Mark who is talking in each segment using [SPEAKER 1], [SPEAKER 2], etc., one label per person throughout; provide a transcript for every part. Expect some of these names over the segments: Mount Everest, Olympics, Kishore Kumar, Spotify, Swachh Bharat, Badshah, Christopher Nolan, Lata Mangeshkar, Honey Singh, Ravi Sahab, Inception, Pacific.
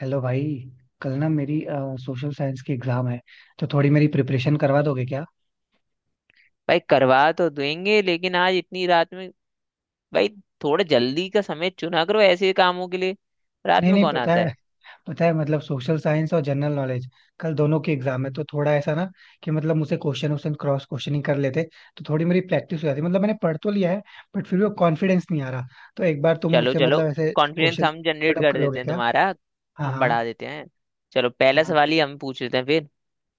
[SPEAKER 1] Hello भाई। कल ना मेरी सोशल साइंस की एग्जाम है, तो थोड़ी मेरी प्रिपरेशन करवा दोगे क्या?
[SPEAKER 2] भाई करवा तो देंगे लेकिन आज इतनी रात में भाई, थोड़ा जल्दी का समय चुना करो ऐसे कामों के लिए। रात
[SPEAKER 1] नहीं
[SPEAKER 2] में
[SPEAKER 1] नहीं,
[SPEAKER 2] कौन
[SPEAKER 1] पता
[SPEAKER 2] आता है।
[SPEAKER 1] है, पता है मतलब सोशल साइंस और जनरल नॉलेज कल दोनों की एग्जाम है, तो थोड़ा ऐसा ना कि मतलब मुझसे क्वेश्चन क्वेश्चन क्रॉस क्वेश्चनिंग कर लेते तो थोड़ी मेरी प्रैक्टिस हो जाती। मतलब मैंने पढ़ तो लिया है, बट फिर भी वो कॉन्फिडेंस नहीं आ रहा, तो एक बार तुम
[SPEAKER 2] चलो
[SPEAKER 1] मुझसे
[SPEAKER 2] चलो
[SPEAKER 1] मतलब ऐसे
[SPEAKER 2] कॉन्फिडेंस
[SPEAKER 1] क्वेश्चन
[SPEAKER 2] हम
[SPEAKER 1] पुट
[SPEAKER 2] जनरेट
[SPEAKER 1] अप
[SPEAKER 2] कर
[SPEAKER 1] कर
[SPEAKER 2] देते
[SPEAKER 1] लोगे
[SPEAKER 2] हैं
[SPEAKER 1] क्या?
[SPEAKER 2] तुम्हारा।
[SPEAKER 1] हाँ
[SPEAKER 2] हम बढ़ा
[SPEAKER 1] हाँ
[SPEAKER 2] देते हैं। चलो पहला
[SPEAKER 1] हाँ,
[SPEAKER 2] सवाल ही हम पूछ लेते हैं फिर।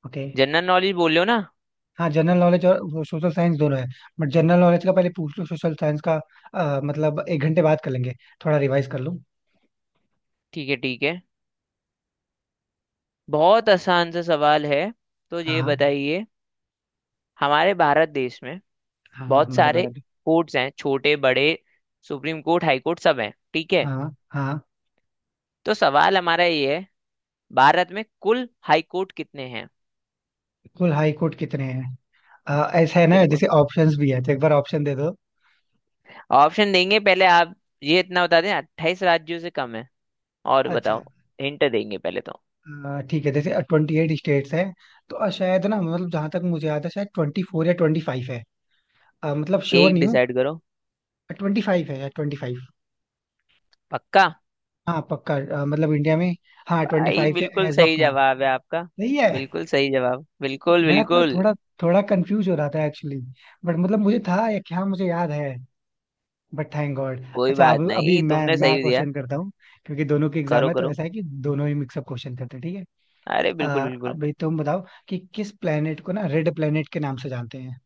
[SPEAKER 1] ओके।
[SPEAKER 2] जनरल नॉलेज बोल रहे हो ना?
[SPEAKER 1] हाँ, जनरल नॉलेज और सोशल साइंस दोनों है, बट जनरल नॉलेज का पहले पूछ लो, सोशल साइंस का मतलब एक घंटे बाद कर लेंगे, थोड़ा रिवाइज कर लूँ।
[SPEAKER 2] ठीक है। बहुत आसान सा सवाल है, तो ये
[SPEAKER 1] हाँ
[SPEAKER 2] बताइए। हमारे भारत देश में
[SPEAKER 1] हाँ,
[SPEAKER 2] बहुत
[SPEAKER 1] हमारे
[SPEAKER 2] सारे
[SPEAKER 1] भारत में।
[SPEAKER 2] कोर्ट्स हैं छोटे बड़े। सुप्रीम कोर्ट, हाई कोर्ट सब हैं, ठीक है।
[SPEAKER 1] हाँ हाँ।
[SPEAKER 2] तो सवाल हमारा ये है, भारत में कुल हाई कोर्ट कितने हैं।
[SPEAKER 1] कुल हाई कोर्ट कितने हैं? ऐसा है ना,
[SPEAKER 2] बिल्कुल।
[SPEAKER 1] जैसे ऑप्शंस भी है तो एक बार ऑप्शन दे दो।
[SPEAKER 2] ऑप्शन देंगे पहले आप। ये इतना बता दें, अट्ठाईस राज्यों से कम है। और
[SPEAKER 1] अच्छा।
[SPEAKER 2] बताओ। हिंट देंगे पहले तो।
[SPEAKER 1] ठीक है, जैसे 28 स्टेट्स हैं, तो शायद ना मतलब जहां तक मुझे याद है शायद 24 या 25 है। मतलब श्योर
[SPEAKER 2] एक
[SPEAKER 1] नहीं हूँ।
[SPEAKER 2] डिसाइड करो।
[SPEAKER 1] 25 है या 25।
[SPEAKER 2] पक्का?
[SPEAKER 1] हाँ पक्का, मतलब इंडिया में हाँ ट्वेंटी
[SPEAKER 2] भाई
[SPEAKER 1] फाइव है
[SPEAKER 2] बिल्कुल
[SPEAKER 1] एज ऑफ
[SPEAKER 2] सही
[SPEAKER 1] नाउ।
[SPEAKER 2] जवाब है आपका।
[SPEAKER 1] सही है।
[SPEAKER 2] बिल्कुल सही जवाब, बिल्कुल
[SPEAKER 1] मैं ना
[SPEAKER 2] बिल्कुल।
[SPEAKER 1] थोड़ा थोड़ा कंफ्यूज हो रहा था एक्चुअली, बट मतलब मुझे था या क्या मुझे याद है, बट थैंक गॉड।
[SPEAKER 2] कोई
[SPEAKER 1] अच्छा
[SPEAKER 2] बात
[SPEAKER 1] अब अभी
[SPEAKER 2] नहीं,
[SPEAKER 1] मैं
[SPEAKER 2] तुमने
[SPEAKER 1] मैं
[SPEAKER 2] सही दिया।
[SPEAKER 1] क्वेश्चन करता हूँ, क्योंकि दोनों के एग्जाम
[SPEAKER 2] करो
[SPEAKER 1] है तो
[SPEAKER 2] करो।
[SPEAKER 1] ऐसा है कि दोनों ही मिक्सअप क्वेश्चन करते हैं। ठीक है।
[SPEAKER 2] अरे बिल्कुल
[SPEAKER 1] अ,
[SPEAKER 2] बिल्कुल।
[SPEAKER 1] अभी तुम बताओ कि किस प्लेनेट को ना रेड प्लेनेट के नाम से जानते हैं?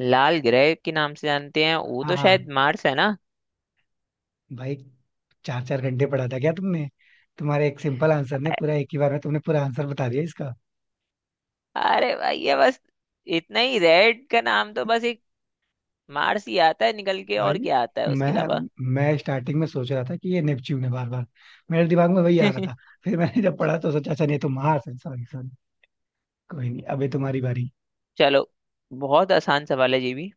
[SPEAKER 2] लाल ग्रह के नाम से जानते हैं वो
[SPEAKER 1] हाँ
[SPEAKER 2] तो, शायद
[SPEAKER 1] हाँ
[SPEAKER 2] मार्स है ना।
[SPEAKER 1] भाई, चार चार घंटे पढ़ा था क्या तुमने? तुम्हारे एक सिंपल आंसर ने
[SPEAKER 2] अ-
[SPEAKER 1] पूरा, एक ही बार में तुमने पूरा आंसर बता दिया इसका।
[SPEAKER 2] अरे भाई, ये बस इतना ही। रेड का नाम तो बस एक मार्स ही आता है निकल के, और
[SPEAKER 1] भाई
[SPEAKER 2] क्या आता है
[SPEAKER 1] मैं
[SPEAKER 2] उसके अलावा।
[SPEAKER 1] मैं स्टार्टिंग में सोच रहा था कि ये नेपच्यून है, बार बार मेरे दिमाग में वही आ रहा था। फिर मैंने जब पढ़ा तो सोचा, अच्छा नहीं तो मार्स है। Sorry sorry. कोई नहीं, अभी तुम्हारी बारी।
[SPEAKER 2] चलो, बहुत आसान सवाल है ये भी।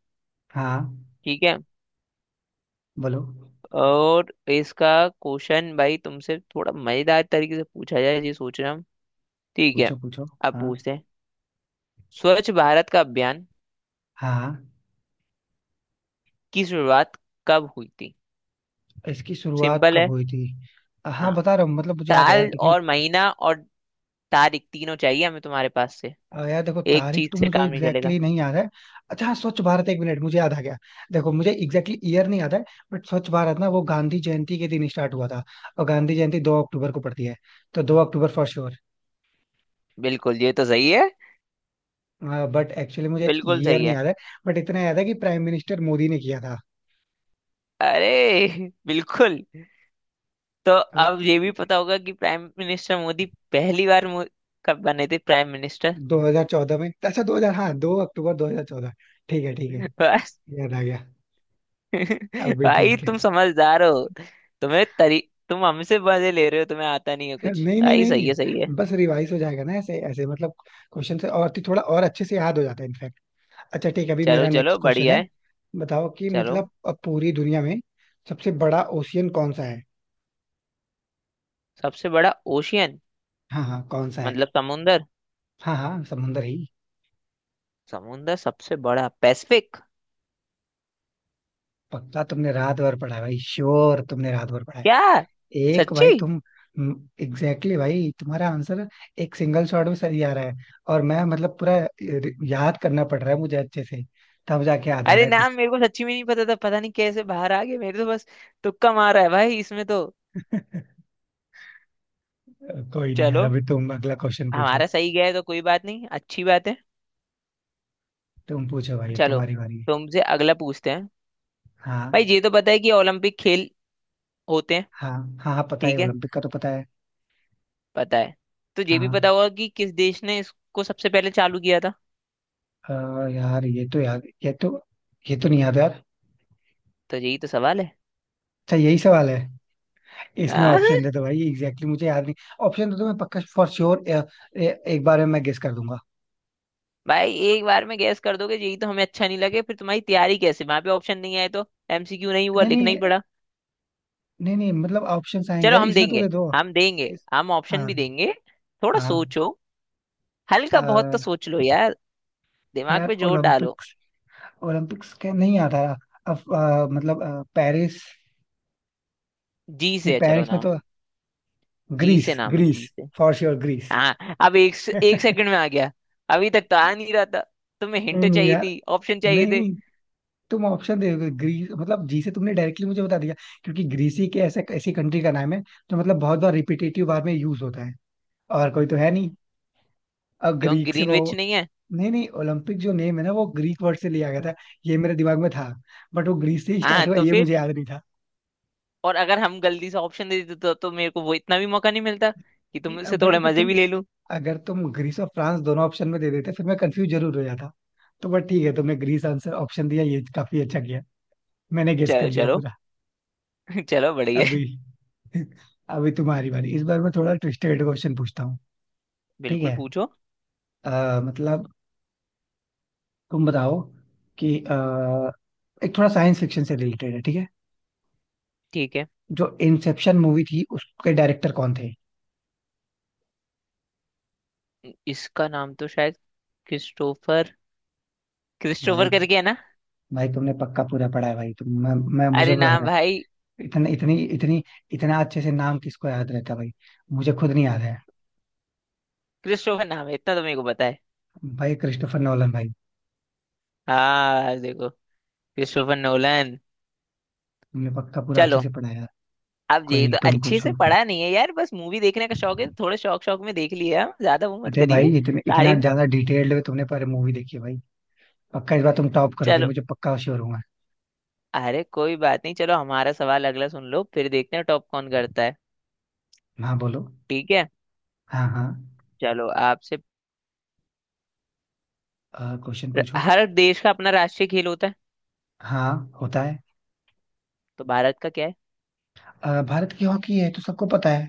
[SPEAKER 1] हाँ
[SPEAKER 2] ठीक है।
[SPEAKER 1] बोलो।
[SPEAKER 2] और इसका क्वेश्चन भाई तुमसे थोड़ा मजेदार तरीके से पूछा जाए, ये सोच रहा हूँ। ठीक है,
[SPEAKER 1] पूछो पूछो।
[SPEAKER 2] अब
[SPEAKER 1] हाँ।
[SPEAKER 2] पूछते हैं। स्वच्छ भारत का अभियान
[SPEAKER 1] हाँ हाँ।
[SPEAKER 2] की शुरुआत कब हुई थी।
[SPEAKER 1] इसकी शुरुआत
[SPEAKER 2] सिंपल
[SPEAKER 1] कब
[SPEAKER 2] है।
[SPEAKER 1] हुई थी? हाँ
[SPEAKER 2] हाँ,
[SPEAKER 1] बता रहा हूँ, मतलब मुझे याद है यार
[SPEAKER 2] साल
[SPEAKER 1] क्योंकि
[SPEAKER 2] और महीना और तारीख तीनों चाहिए हमें तुम्हारे पास से।
[SPEAKER 1] यार देखो,
[SPEAKER 2] एक
[SPEAKER 1] तारीख तो
[SPEAKER 2] चीज से
[SPEAKER 1] मुझे
[SPEAKER 2] काम नहीं
[SPEAKER 1] एग्जैक्टली
[SPEAKER 2] चलेगा।
[SPEAKER 1] exactly नहीं याद है। अच्छा हाँ, स्वच्छ भारत, एक मिनट, मुझे याद आ गया। देखो मुझे एग्जैक्टली ईयर नहीं याद है, बट स्वच्छ भारत ना वो गांधी जयंती के दिन स्टार्ट हुआ था, और गांधी जयंती 2 अक्टूबर को पड़ती है, तो 2 अक्टूबर फॉर श्योर।
[SPEAKER 2] बिल्कुल, ये तो सही है।
[SPEAKER 1] बट एक्चुअली मुझे
[SPEAKER 2] बिल्कुल
[SPEAKER 1] ईयर
[SPEAKER 2] सही
[SPEAKER 1] नहीं
[SPEAKER 2] है।
[SPEAKER 1] याद है, बट इतना याद है कि प्राइम मिनिस्टर मोदी ने किया था।
[SPEAKER 2] अरे बिल्कुल। तो
[SPEAKER 1] अ,
[SPEAKER 2] अब ये भी पता होगा कि प्राइम मिनिस्टर मोदी पहली बार कब बने थे प्राइम मिनिस्टर।
[SPEAKER 1] 2014 में। अच्छा 2000, हाँ, 2 अक्टूबर 2014, ठीक है ठीक है,
[SPEAKER 2] बस।
[SPEAKER 1] याद आ गया। अब भी
[SPEAKER 2] भाई
[SPEAKER 1] ठीक है।
[SPEAKER 2] तुम समझदार हो। तुम्हें तरी तुम हमसे मजे ले रहे हो, तुम्हें आता नहीं है कुछ।
[SPEAKER 1] नहीं नहीं
[SPEAKER 2] भाई
[SPEAKER 1] नहीं
[SPEAKER 2] सही है सही है।
[SPEAKER 1] नहीं, बस रिवाइज हो जाएगा ना ऐसे ऐसे, मतलब क्वेश्चन से और थोड़ा और अच्छे से याद हो जाता है इनफैक्ट। अच्छा ठीक है, अभी
[SPEAKER 2] चलो
[SPEAKER 1] मेरा
[SPEAKER 2] चलो
[SPEAKER 1] नेक्स्ट क्वेश्चन
[SPEAKER 2] बढ़िया
[SPEAKER 1] है।
[SPEAKER 2] है।
[SPEAKER 1] बताओ कि
[SPEAKER 2] चलो,
[SPEAKER 1] मतलब अब पूरी दुनिया में सबसे बड़ा ओशियन कौन सा है?
[SPEAKER 2] सबसे बड़ा ओशियन
[SPEAKER 1] हाँ हाँ, कौन सा है?
[SPEAKER 2] मतलब समुंदर।
[SPEAKER 1] हाँ हाँ, समुंदर ही।
[SPEAKER 2] समुंदर सबसे बड़ा पैसिफिक।
[SPEAKER 1] पक्का तुमने रात भर पढ़ा है भाई, श्योर तुमने रात भर पढ़ा है।
[SPEAKER 2] क्या?
[SPEAKER 1] एक भाई
[SPEAKER 2] सच्ची?
[SPEAKER 1] तुम, एग्जैक्टली भाई तुम्हारा आंसर एक सिंगल शॉट में सही आ रहा है, और मैं मतलब पूरा याद करना पड़ रहा है मुझे अच्छे से, तब जाके याद आ रहा
[SPEAKER 2] अरे
[SPEAKER 1] है कुछ।
[SPEAKER 2] नाम मेरे को सच्ची में नहीं पता था, पता नहीं कैसे बाहर आ गए मेरे तो। बस तुक्का मारा है भाई इसमें तो।
[SPEAKER 1] कोई नहीं यार,
[SPEAKER 2] चलो,
[SPEAKER 1] अभी तुम अगला क्वेश्चन पूछो।
[SPEAKER 2] हमारा सही गया है, तो कोई बात नहीं अच्छी बात है।
[SPEAKER 1] तुम पूछो भाई,
[SPEAKER 2] चलो,
[SPEAKER 1] तुम्हारी बारी है।
[SPEAKER 2] तुमसे अगला पूछते हैं। भाई
[SPEAKER 1] हाँ
[SPEAKER 2] ये तो पता है कि ओलंपिक खेल होते हैं।
[SPEAKER 1] हाँ। हाँ हाँ, पता है
[SPEAKER 2] ठीक है,
[SPEAKER 1] ओलंपिक का तो पता है।
[SPEAKER 2] पता है। तो ये भी
[SPEAKER 1] हाँ।
[SPEAKER 2] पता होगा कि किस देश ने इसको सबसे पहले चालू किया था।
[SPEAKER 1] अ, यार ये तो नहीं याद यार।
[SPEAKER 2] तो यही तो सवाल है।
[SPEAKER 1] अच्छा यही सवाल है, इसमें
[SPEAKER 2] आह,
[SPEAKER 1] ऑप्शन दे दो भाई, एग्जैक्टली मुझे याद नहीं। ऑप्शन दे दो, मैं पक्का फॉर श्योर एक बार में मैं गेस कर दूंगा।
[SPEAKER 2] भाई एक बार में गैस कर दोगे, यही तो हमें अच्छा नहीं लगे। फिर तुम्हारी तैयारी कैसे, वहां पे ऑप्शन नहीं आए तो? एमसीक्यू नहीं हुआ,
[SPEAKER 1] नहीं
[SPEAKER 2] लिखना ही
[SPEAKER 1] नहीं
[SPEAKER 2] पड़ा।
[SPEAKER 1] नहीं नहीं, मतलब ऑप्शंस आएंगे
[SPEAKER 2] चलो
[SPEAKER 1] यार
[SPEAKER 2] हम
[SPEAKER 1] इसमें, तो
[SPEAKER 2] देंगे।
[SPEAKER 1] दे दो।
[SPEAKER 2] हम देंगे,
[SPEAKER 1] इस,
[SPEAKER 2] हम ऑप्शन
[SPEAKER 1] हाँ
[SPEAKER 2] भी देंगे। थोड़ा
[SPEAKER 1] हाँ।
[SPEAKER 2] सोचो। हल्का बहुत तो
[SPEAKER 1] अ,
[SPEAKER 2] सोच लो यार। दिमाग
[SPEAKER 1] यार
[SPEAKER 2] पे जोर डालो।
[SPEAKER 1] ओलंपिक्स, ओलंपिक्स क्या नहीं आता? अब मतलब पेरिस,
[SPEAKER 2] जी से
[SPEAKER 1] नहीं
[SPEAKER 2] है, चलो
[SPEAKER 1] पेरिस में
[SPEAKER 2] नाम
[SPEAKER 1] तो,
[SPEAKER 2] जी
[SPEAKER 1] ग्रीस
[SPEAKER 2] से। नाम है
[SPEAKER 1] ग्रीस।
[SPEAKER 2] जी से।
[SPEAKER 1] For sure Greece.
[SPEAKER 2] हाँ, अब एक। एक
[SPEAKER 1] नहीं
[SPEAKER 2] सेकंड में आ गया, अभी तक तो आ नहीं रहा था। तुम्हें हिंट
[SPEAKER 1] नहीं
[SPEAKER 2] चाहिए
[SPEAKER 1] यार,
[SPEAKER 2] थी, ऑप्शन चाहिए
[SPEAKER 1] नहीं
[SPEAKER 2] थे।
[SPEAKER 1] नहीं, तुम ऑप्शन दे दोगे ग्रीस मतलब, जी से तुमने डायरेक्टली मुझे बता दिया, क्योंकि ग्रीस ही के ऐसे ऐसी कंट्री का नाम है जो मतलब बहुत बार रिपीटेटिव बार में यूज होता है, और कोई तो है नहीं। अब
[SPEAKER 2] क्यों,
[SPEAKER 1] ग्रीक से वो,
[SPEAKER 2] ग्रीनविच नहीं है?
[SPEAKER 1] नहीं नहीं, ओलंपिक जो नेम है ना वो ग्रीक वर्ड से लिया गया था, ये मेरे दिमाग में था, बट वो ग्रीस से ही
[SPEAKER 2] हाँ
[SPEAKER 1] स्टार्ट हुआ
[SPEAKER 2] तो
[SPEAKER 1] ये
[SPEAKER 2] फिर।
[SPEAKER 1] मुझे याद नहीं था।
[SPEAKER 2] और अगर हम जल्दी से ऑप्शन दे देते तो मेरे को वो इतना भी मौका नहीं मिलता कि
[SPEAKER 1] नहीं
[SPEAKER 2] तुमसे
[SPEAKER 1] अब बट
[SPEAKER 2] थोड़े मजे भी ले लूं।
[SPEAKER 1] अगर तुम ग्रीस और फ्रांस दोनों ऑप्शन में दे देते फिर मैं कंफ्यूज जरूर हो जाता, तो बट ठीक है, तुमने ग्रीस आंसर ऑप्शन दिया, ये काफी अच्छा किया, मैंने गेस
[SPEAKER 2] चलो
[SPEAKER 1] कर लिया
[SPEAKER 2] चलो
[SPEAKER 1] पूरा।
[SPEAKER 2] चलो बढ़िया है।
[SPEAKER 1] अभी अभी तुम्हारी बारी, इस बार मैं थोड़ा ट्विस्टेड क्वेश्चन पूछता हूँ। ठीक
[SPEAKER 2] बिल्कुल,
[SPEAKER 1] है।
[SPEAKER 2] पूछो।
[SPEAKER 1] मतलब तुम बताओ कि एक थोड़ा साइंस फिक्शन से रिलेटेड है ठीक है,
[SPEAKER 2] ठीक है।
[SPEAKER 1] जो इंसेप्शन मूवी थी उसके डायरेक्टर कौन थे?
[SPEAKER 2] इसका नाम तो शायद क्रिस्टोफर,
[SPEAKER 1] भाई
[SPEAKER 2] करके है ना?
[SPEAKER 1] भाई, तुमने पक्का पूरा पढ़ा है भाई, तुम मैं मुझे
[SPEAKER 2] अरे
[SPEAKER 1] तो लग
[SPEAKER 2] ना
[SPEAKER 1] रहा
[SPEAKER 2] भाई।
[SPEAKER 1] है, इतने इतनी इतनी इतना अच्छे से नाम किसको याद रहता है भाई, मुझे खुद नहीं याद है।
[SPEAKER 2] क्रिस्टोफर नाम है, इतना तो मेरे को पता है।
[SPEAKER 1] भाई क्रिस्टोफर नोलन भाई,
[SPEAKER 2] हाँ देखो, क्रिस्टोफर नोलन।
[SPEAKER 1] तुमने पक्का पूरा अच्छे
[SPEAKER 2] चलो,
[SPEAKER 1] से पढ़ा है यार।
[SPEAKER 2] अब
[SPEAKER 1] कोई
[SPEAKER 2] ये
[SPEAKER 1] नहीं
[SPEAKER 2] तो
[SPEAKER 1] तुम
[SPEAKER 2] अच्छे से
[SPEAKER 1] पूछो।
[SPEAKER 2] पढ़ा नहीं है यार, बस मूवी देखने का शौक है। थोड़े शौक शौक में देख लिया, ज्यादा वो मत
[SPEAKER 1] अरे
[SPEAKER 2] करिए
[SPEAKER 1] भाई, इतने इतना
[SPEAKER 2] तारीफ।
[SPEAKER 1] ज्यादा डिटेल्ड में तुमने पर मूवी देखी है भाई। पक्का इस बार तुम टॉप करोगे,
[SPEAKER 2] चलो,
[SPEAKER 1] मुझे पक्का श्योर हूँ मैं।
[SPEAKER 2] अरे कोई बात नहीं। चलो हमारा सवाल अगला सुन लो, फिर देखते हैं टॉप कौन करता है।
[SPEAKER 1] हाँ बोलो।
[SPEAKER 2] ठीक है,
[SPEAKER 1] हाँ हाँ।
[SPEAKER 2] चलो आपसे।
[SPEAKER 1] क्वेश्चन पूछो।
[SPEAKER 2] हर देश का अपना राष्ट्रीय खेल होता है,
[SPEAKER 1] हाँ। होता है।
[SPEAKER 2] तो भारत का क्या है?
[SPEAKER 1] भारत की हॉकी है तो सबको पता है।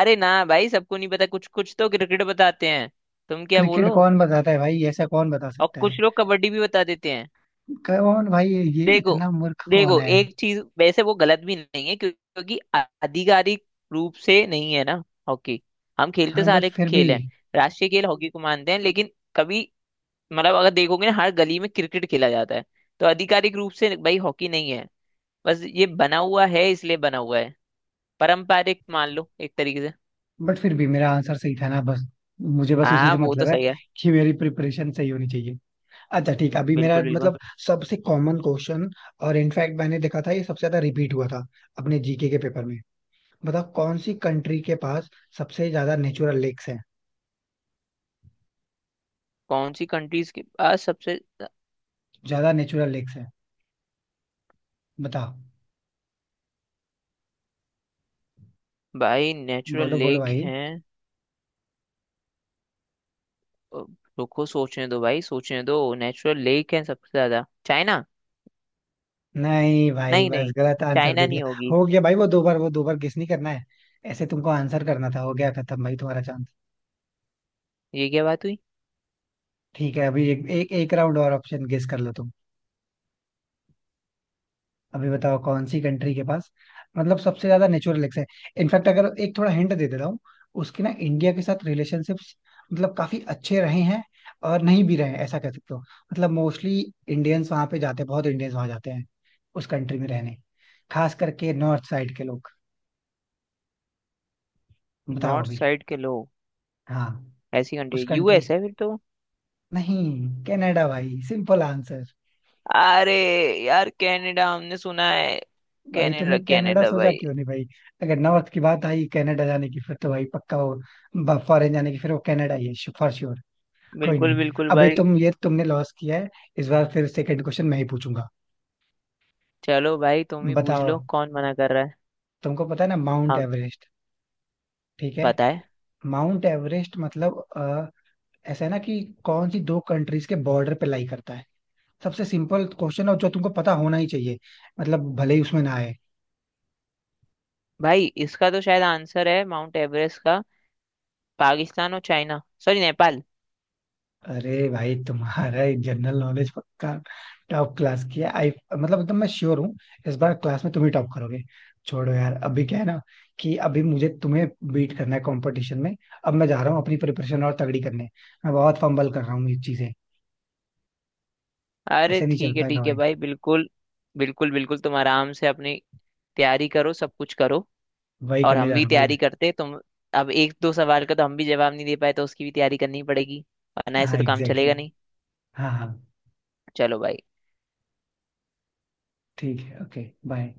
[SPEAKER 2] अरे ना भाई, सबको नहीं पता। कुछ कुछ तो क्रिकेट बताते हैं। तुम क्या
[SPEAKER 1] क्रिकेट
[SPEAKER 2] बोलो।
[SPEAKER 1] कौन बताता है भाई? ऐसा कौन बता
[SPEAKER 2] और
[SPEAKER 1] सकता
[SPEAKER 2] कुछ
[SPEAKER 1] है?
[SPEAKER 2] लोग कबड्डी भी बता देते हैं।
[SPEAKER 1] कौन भाई, ये
[SPEAKER 2] देखो,
[SPEAKER 1] इतना मूर्ख कौन
[SPEAKER 2] देखो
[SPEAKER 1] है?
[SPEAKER 2] एक चीज, वैसे वो गलत भी नहीं है। क्योंकि आधिकारिक रूप से नहीं है ना हॉकी। हम खेलते
[SPEAKER 1] हाँ बट
[SPEAKER 2] सारे
[SPEAKER 1] फिर भी
[SPEAKER 2] खेल हैं। राष्ट्रीय खेल हॉकी को मानते हैं, लेकिन कभी मतलब अगर देखोगे ना हर गली में क्रिकेट खेला जाता है। तो आधिकारिक रूप से भाई हॉकी नहीं है, बस ये बना हुआ है, इसलिए बना हुआ है। पारंपरिक मान लो एक तरीके से।
[SPEAKER 1] बट फिर भी मेरा आंसर सही था ना, बस मुझे बस उसी
[SPEAKER 2] हाँ
[SPEAKER 1] से
[SPEAKER 2] वो तो
[SPEAKER 1] मतलब है
[SPEAKER 2] सही है।
[SPEAKER 1] कि मेरी प्रिपरेशन सही होनी चाहिए। अच्छा ठीक है, अभी मेरा
[SPEAKER 2] बिल्कुल बिल्कुल।
[SPEAKER 1] मतलब सबसे कॉमन क्वेश्चन, और इनफैक्ट मैंने देखा था ये सबसे ज्यादा रिपीट हुआ था अपने जीके के पेपर में। बता, कौन सी कंट्री के पास सबसे ज्यादा नेचुरल लेक्स हैं?
[SPEAKER 2] कौन सी कंट्रीज के पास सबसे
[SPEAKER 1] ज्यादा नेचुरल लेक्स हैं बता।
[SPEAKER 2] भाई नेचुरल
[SPEAKER 1] बोलो बोलो
[SPEAKER 2] लेक
[SPEAKER 1] भाई।
[SPEAKER 2] है। अ, रुको सोचने दो भाई, सोचने दो। नेचुरल लेक है सबसे ज्यादा चाइना।
[SPEAKER 1] नहीं भाई
[SPEAKER 2] नहीं
[SPEAKER 1] बस,
[SPEAKER 2] नहीं,
[SPEAKER 1] गलत आंसर
[SPEAKER 2] चाइना
[SPEAKER 1] दे दिया।
[SPEAKER 2] नहीं होगी।
[SPEAKER 1] हो गया भाई, वो दो बार गेस नहीं करना है, ऐसे तुमको आंसर करना था, हो गया खत्म भाई तुम्हारा चांस।
[SPEAKER 2] ये क्या बात हुई।
[SPEAKER 1] ठीक है, अभी एक एक राउंड और ऑप्शन गेस कर लो तुम। अभी बताओ कौन सी कंट्री के पास मतलब सबसे ज्यादा नेचुरल लेक्स है? इनफैक्ट अगर एक थोड़ा हिंट दे दे रहा हूँ, उसके ना इंडिया के साथ रिलेशनशिप्स मतलब काफी अच्छे रहे हैं, और नहीं भी रहे हैं ऐसा कह सकते हो। मतलब मोस्टली इंडियंस वहां पे जाते हैं, बहुत इंडियंस वहां जाते हैं उस कंट्री में रहने, खास करके नॉर्थ साइड के लोग। बताओ
[SPEAKER 2] नॉर्थ
[SPEAKER 1] अभी।
[SPEAKER 2] साइड के लोग।
[SPEAKER 1] हाँ।
[SPEAKER 2] ऐसी
[SPEAKER 1] उस
[SPEAKER 2] कंट्री
[SPEAKER 1] कंट्री,
[SPEAKER 2] यूएस है फिर तो।
[SPEAKER 1] नहीं, कनाडा भाई, सिंपल आंसर।
[SPEAKER 2] अरे यार, कनाडा हमने सुना है।
[SPEAKER 1] भाई तुमने
[SPEAKER 2] कनाडा,
[SPEAKER 1] कनाडा
[SPEAKER 2] कनाडा
[SPEAKER 1] सोचा
[SPEAKER 2] भाई।
[SPEAKER 1] क्यों नहीं भाई? अगर नॉर्थ की बात आई कनाडा जाने की, फिर तो भाई पक्का, वो फॉरेन जाने की फिर वो कनाडा ही है फॉर श्योर। कोई
[SPEAKER 2] बिल्कुल
[SPEAKER 1] नहीं,
[SPEAKER 2] बिल्कुल
[SPEAKER 1] अबे
[SPEAKER 2] भाई।
[SPEAKER 1] तुम ये तुमने लॉस किया है, इस बार फिर सेकंड क्वेश्चन मैं ही पूछूंगा।
[SPEAKER 2] चलो भाई, तुम ही पूछ
[SPEAKER 1] बताओ,
[SPEAKER 2] लो, कौन मना कर रहा है।
[SPEAKER 1] तुमको पता है ना माउंट
[SPEAKER 2] हम,
[SPEAKER 1] एवरेस्ट? ठीक है।
[SPEAKER 2] पता है।
[SPEAKER 1] माउंट एवरेस्ट मतलब ऐसा है ना कि कौन सी दो कंट्रीज के बॉर्डर पे लाई करता है? सबसे सिंपल क्वेश्चन है और जो तुमको पता होना ही चाहिए, मतलब भले ही उसमें ना आए।
[SPEAKER 2] भाई इसका तो शायद आंसर है माउंट एवरेस्ट का, पाकिस्तान और चाइना, सॉरी नेपाल।
[SPEAKER 1] अरे भाई, तुम्हारा जनरल नॉलेज पक्का टॉप क्लास की है आई, मतलब एकदम मैं श्योर हूँ, इस बार क्लास में तुम ही टॉप करोगे। छोड़ो यार, अभी क्या है ना कि अभी मुझे तुम्हें बीट करना है कंपटीशन में। अब मैं जा रहा हूँ अपनी प्रिपरेशन और तगड़ी करने, मैं बहुत फंबल कर रहा हूँ ये चीजें,
[SPEAKER 2] अरे
[SPEAKER 1] ऐसे नहीं चल पाएगा
[SPEAKER 2] ठीक है
[SPEAKER 1] भाई।
[SPEAKER 2] भाई, बिल्कुल। बिल्कुल, बिल्कुल तुम आराम से अपनी तैयारी करो, सब कुछ करो।
[SPEAKER 1] वही
[SPEAKER 2] और
[SPEAKER 1] करने
[SPEAKER 2] हम
[SPEAKER 1] जा रहा
[SPEAKER 2] भी
[SPEAKER 1] हूँ भाई मैं।
[SPEAKER 2] तैयारी करते तुम। अब एक दो सवाल का तो हम भी जवाब नहीं दे पाए, तो उसकी भी तैयारी करनी पड़ेगी। वरना ऐसे
[SPEAKER 1] हाँ
[SPEAKER 2] तो काम
[SPEAKER 1] एग्जैक्टली
[SPEAKER 2] चलेगा
[SPEAKER 1] exactly.
[SPEAKER 2] नहीं।
[SPEAKER 1] हाँ हाँ।
[SPEAKER 2] चलो भाई।
[SPEAKER 1] ठीक है, ओके बाय।